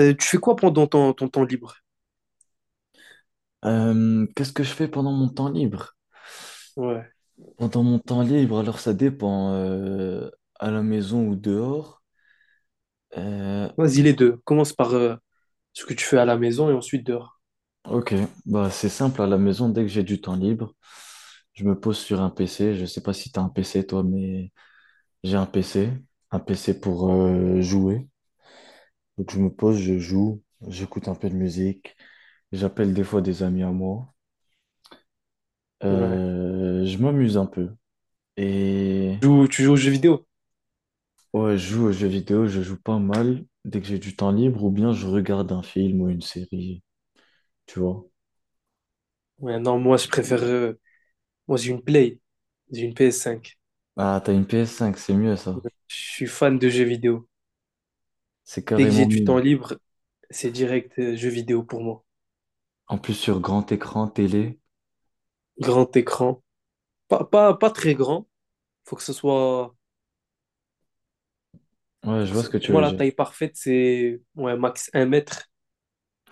Tu fais quoi pendant ton temps libre? Qu'est-ce que je fais pendant mon temps libre? Ouais. Pendant mon temps libre, alors ça dépend, à la maison ou dehors. Euh, Vas-y, les deux. Commence par ce que tu fais à la maison et ensuite dehors. ok, bah c'est simple, à la maison, dès que j'ai du temps libre, je me pose sur un PC. Je sais pas si t'as un PC toi, mais j'ai un PC, un PC pour jouer. Donc je me pose, je joue, j'écoute un peu de musique, j'appelle des fois des amis à moi. Ouais. Je m'amuse un peu. Et Tu joues aux jeux vidéo? ouais, je joue aux jeux vidéo, je joue pas mal dès que j'ai du temps libre ou bien je regarde un film ou une série, tu vois. Ouais, non, moi, je préfère. Moi, j'ai une Play. J'ai une PS5. Ah, t'as une PS5, c'est mieux ça. Je suis fan de jeux vidéo. C'est Dès que j'ai carrément du mieux. temps libre, c'est direct jeux vidéo pour moi. En plus, sur grand écran, télé. Grand écran. Pas très grand. Faut que ce soit. Ouais, je vois ce que Pour tu moi, veux la dire. taille parfaite, c'est ouais, max un mètre.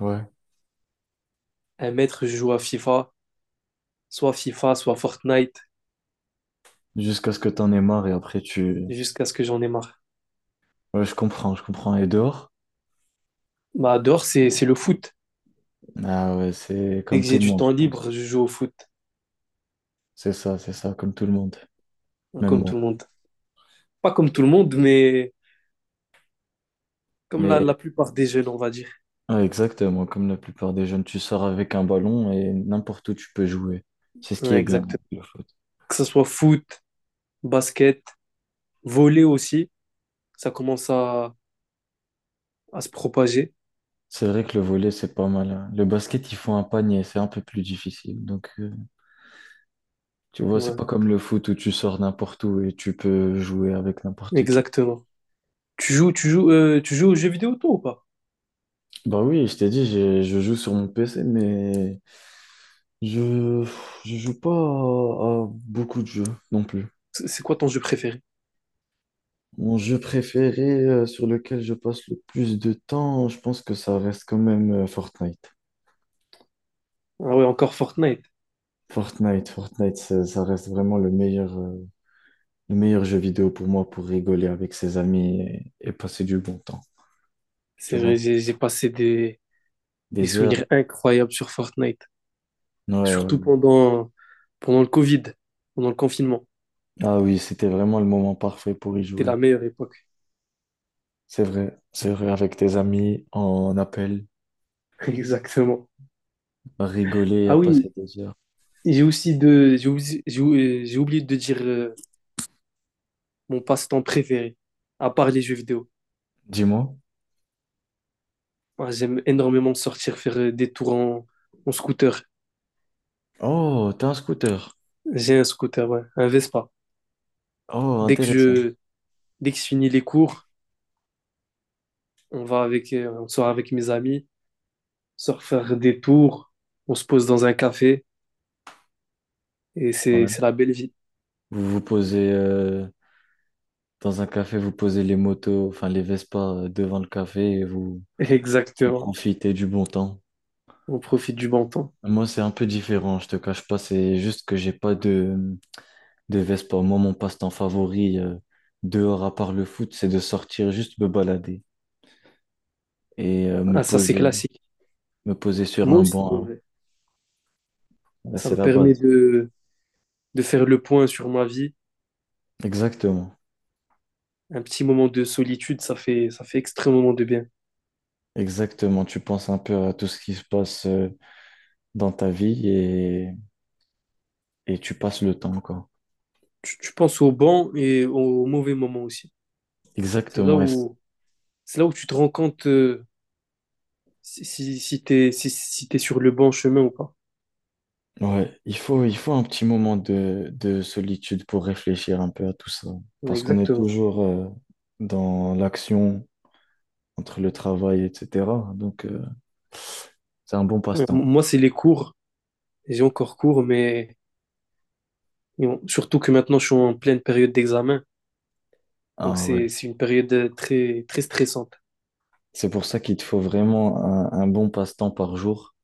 Ouais. Un mètre, je joue à FIFA. Soit FIFA, soit Fortnite, Jusqu'à ce que t'en aies marre et après tu. jusqu'à ce que j'en ai marre. Ouais, je comprends, je comprends. Et dehors? Bah, dehors, c'est le foot. Ah ouais, c'est Dès comme que tout j'ai le du monde, temps je pense. libre, je joue au foot, C'est ça, comme tout le monde. Même comme moi. tout le monde. Pas comme tout le monde, mais comme la Mais plupart des jeunes, on va dire. ouais, exactement, comme la plupart des jeunes, tu sors avec un ballon et n'importe où tu peux jouer. C'est ce qui Ouais, est bien, exactement. le foot. Que ce soit foot, basket, volley aussi, ça commence à, à se propager. C'est vrai que le volley, c'est pas mal, hein. Le basket, il faut un panier, c'est un peu plus difficile. Donc, tu vois, c'est Ouais, pas comme le foot où tu sors n'importe où et tu peux jouer avec n'importe qui. exactement. Tu joues aux jeux vidéo, toi, ou pas? Bah oui, je t'ai dit, je joue sur mon PC, mais je, je joue pas à, à beaucoup de jeux non plus. C'est quoi ton jeu préféré? Mon jeu préféré, sur lequel je passe le plus de temps, je pense que ça reste quand même Fortnite. Ah ouais, encore Fortnite. Fortnite, ça reste vraiment le meilleur, le meilleur jeu vidéo pour moi pour rigoler avec ses amis et passer du bon temps, tu C'est vrai, vois. j'ai des Des heures. souvenirs incroyables sur Fortnite. Ouais. Surtout pendant, pendant le Covid, pendant le confinement. Ah oui, c'était vraiment le moment parfait pour y C'était jouer. la meilleure époque. C'est vrai, avec tes amis, en appel, Exactement. à rigoler et à Ah oui, passer des heures. J'ai oublié de dire mon passe-temps préféré, à part les jeux vidéo. Dis-moi. Moi, j'aime énormément sortir faire des tours en scooter. Oh, t'as un scooter. J'ai un scooter, ouais, un Vespa. Oh, Dès que intéressant. je, dès que je finis les cours, on sort avec mes amis, on sort faire des tours, on se pose dans un café et Ouais. c'est la belle vie. Vous vous posez dans un café, vous posez les motos, enfin les Vespa devant le café et vous, vous Exactement. profitez du bon temps. On profite du bon temps. Moi, c'est un peu différent, je te cache pas, c'est juste que j'ai pas de devait sport. Moi, mon passe-temps favori dehors à part le foot, c'est de sortir juste me balader et Ah, ça, c'est classique. me poser sur Moi un aussi, en banc, vrai. hein. Ça C'est me la permet base. De faire le point sur ma vie. Exactement. Un petit moment de solitude, ça fait extrêmement de bien. Exactement. Tu penses un peu à tout ce qui se passe dans ta vie et tu passes le temps, quoi. Tu penses au bon et au mauvais moment aussi. C'est là Exactement. Où, c'est là où tu te rends compte si t'es sur le bon chemin ou pas. Ouais, il faut un petit moment de solitude pour réfléchir un peu à tout ça. Ouais, Parce qu'on est exactement. toujours dans l'action entre le travail, etc. Donc, c'est un bon passe-temps. Moi, c'est les cours. J'ai encore cours, mais surtout que maintenant, je suis en pleine période d'examen. Donc, Ah ouais. C'est une période très stressante. C'est pour ça qu'il te faut vraiment un bon passe-temps par jour.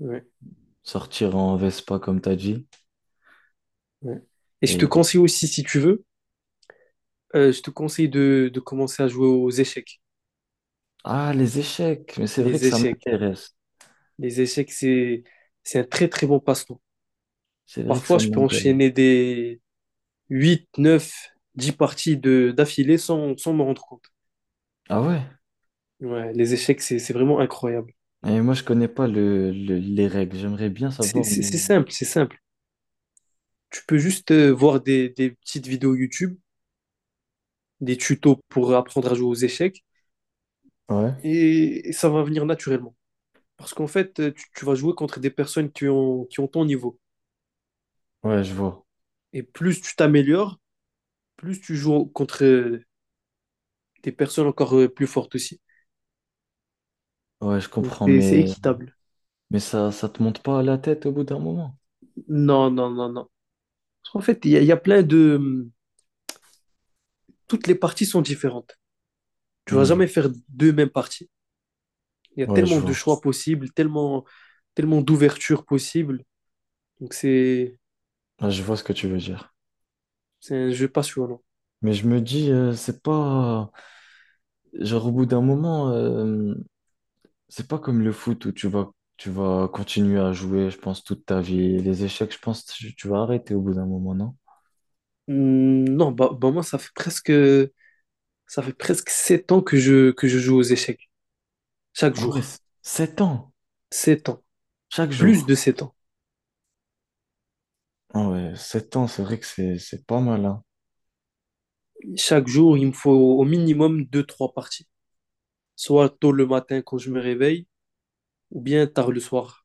Ouais, Sortir en Vespa, comme t'as dit. ouais. Et je te Et... euh, conseille aussi, si tu veux, je te conseille de commencer à jouer aux échecs. Ah, les échecs. Mais c'est vrai que Les ça échecs. m'intéresse. Les échecs, c'est, c'est un très très bon passe-temps. C'est vrai que Parfois, ça je peux m'intéresse. enchaîner des 8, 9, 10 parties d'affilée sans me rendre compte. Ah ouais? Ouais, les échecs, c'est vraiment incroyable. Et moi, je connais pas les règles. J'aimerais bien savoir, mais... C'est simple. Tu peux juste voir des petites vidéos YouTube, des tutos pour apprendre à jouer aux échecs, Ouais. Et ça va venir naturellement. Parce qu'en fait, tu vas jouer contre des personnes qui ont ton niveau. Ouais, je vois. Et plus tu t'améliores, plus tu joues contre des personnes encore plus fortes aussi. Ouais, je Donc comprends. c'est équitable. Mais ça, ça te monte pas à la tête au bout d'un moment. Non, non, non, non. En fait, il y a plein de... Toutes les parties sont différentes. Tu vas Hmm. jamais faire deux mêmes parties. Il y a Ouais, je tellement de vois. choix possibles, tellement, tellement d'ouvertures possibles. Donc c'est Ouais, je vois ce que tu veux dire. c'est un jeu passionnant. Mais je me dis, c'est pas... Genre, au bout d'un moment... c'est pas comme le foot où tu vas continuer à jouer, je pense, toute ta vie. Les échecs, je pense, tu vas arrêter au bout d'un moment, non? Non, bah moi, ça fait presque 7 ans que que je joue aux échecs. Chaque Ah ouais, jour. 7 ans, Sept ans. chaque Plus jour. de 7 ans. Ah ouais, 7 ans, c'est vrai que c'est pas mal, hein. Chaque jour, il me faut au minimum deux trois parties. Soit tôt le matin quand je me réveille, ou bien tard le soir.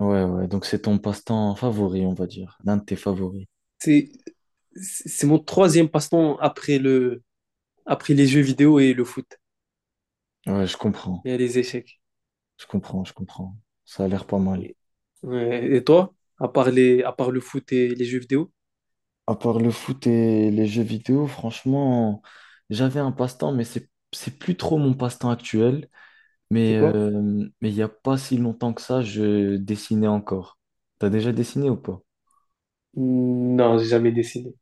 Ouais, donc c'est ton passe-temps favori, on va dire. L'un de tes favoris. C'est, c'est mon troisième passe-temps après après les jeux vidéo et le foot Ouais, je comprends, et les échecs. je comprends, je comprends. Ça a l'air pas mal. Et, ouais, et toi, à part le foot et les jeux vidéo, À part le foot et les jeux vidéo, franchement, j'avais un passe-temps, mais c'est plus trop mon passe-temps actuel. c'est Mais quoi? euh, mais il n'y a pas si longtemps que ça, je dessinais encore. T'as déjà dessiné ou pas? Non, j'ai jamais dessiné.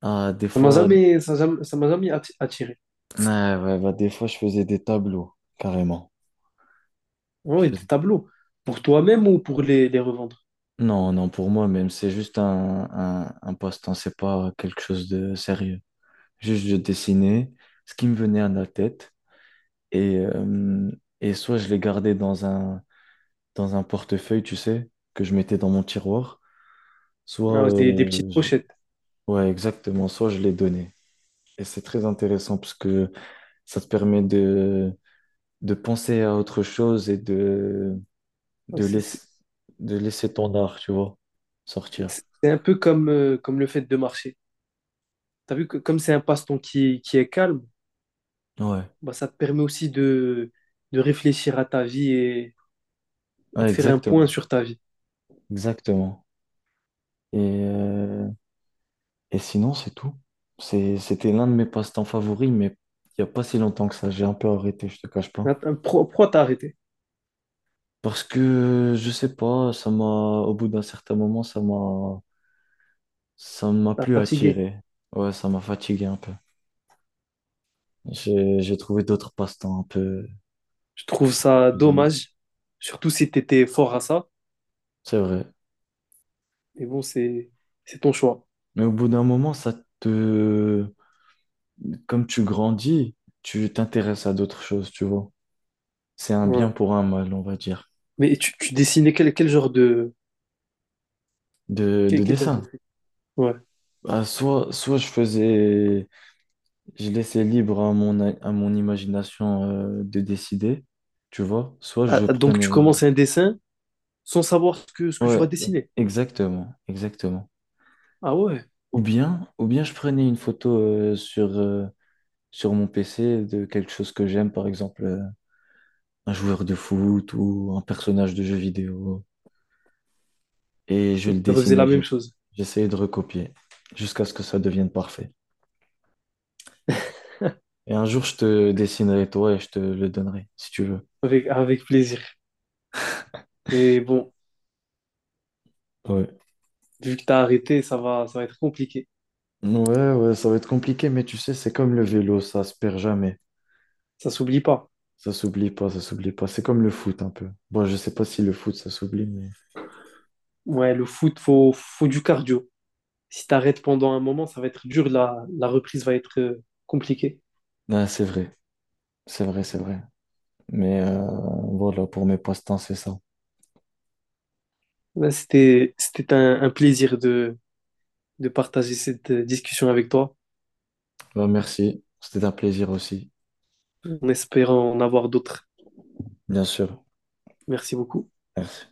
Ah, des fois, Ça m'a jamais attiré. ouais, bah, des fois, je faisais des tableaux, carrément. Ah Je ouais, des faisais- tableaux. Pour toi-même ou pour les revendre? Non, non, pour moi même, c'est juste un passe-temps, c'est pas quelque chose de sérieux. Juste, je dessinais ce qui me venait à la tête et, euh, et soit je les gardais dans un portefeuille, tu sais, que je mettais dans mon tiroir, Ah soit, ouais, des petites euh, je- pochettes. ouais, exactement, soit je les donnais. Et c'est très intéressant parce que ça te permet de penser à autre chose et Ouais, de, c'est c'est- laisser, de laisser ton art, tu vois, sortir. c'est un peu comme, comme le fait de marcher. T'as vu que comme c'est un passe-temps qui est calme, Ouais, bah, ça te permet aussi de réfléchir à ta vie et ouais, de faire un point exactement, sur ta vie. exactement. Et, euh, et sinon, c'est tout. C'était l'un de mes passe-temps favoris, mais il n'y a pas si longtemps que ça, j'ai un peu arrêté, je te cache pas. Pourquoi t'as arrêté? Parce que, je sais pas, au bout d'un certain moment, ça m'a T'as plus fatigué. attiré. Ouais, ça m'a fatigué un peu. J'ai trouvé d'autres passe-temps un peu Je trouve ça plus amusant. dommage, surtout si t'étais fort à ça. C'est vrai. Mais bon, c'est ton choix. Mais au bout d'un moment, ça te... Comme tu grandis, tu t'intéresses à d'autres choses, tu vois. C'est un bien Ouais. pour un mal, on va dire, Mais tu dessinais quel genre de... de quel genre dessin. de... Ouais. Ah, soit je faisais... Je laissais libre à mon, à mon imagination de décider, tu vois. Soit Ah, je ah, donc tu prenais... commences un dessin sans savoir ce que tu vas Ouais, dessiner. exactement, exactement. Ah ouais, Ou bien je prenais une photo sur mon PC de quelque chose que j'aime, par exemple, un joueur de foot ou un personnage de jeu vidéo. Et je et le tu refaisais dessinais, la même j'ai- chose. j'essayais de recopier jusqu'à ce que ça devienne parfait. Et un jour, je te dessinerai toi et je te le donnerai, si tu veux. Avec, avec plaisir. Mais bon, Ouais. vu que t'as arrêté, ça va être compliqué. Ouais, ça va être compliqué, mais tu sais, c'est comme le vélo, ça se perd jamais. Ça s'oublie pas. Ça s'oublie pas. C'est comme le foot un peu. Bon, je sais pas si le foot, ça s'oublie, mais... Ouais, le foot, faut du cardio. Si t'arrêtes pendant un moment, ça va être dur, la reprise va être compliquée. Ah, c'est vrai. Mais euh, voilà, pour mes passe-temps, c'est ça. Là, c'était un plaisir de partager cette discussion avec toi, Bah, merci, c'était un plaisir aussi, en espérant en avoir d'autres. bien sûr. Merci beaucoup. Merci.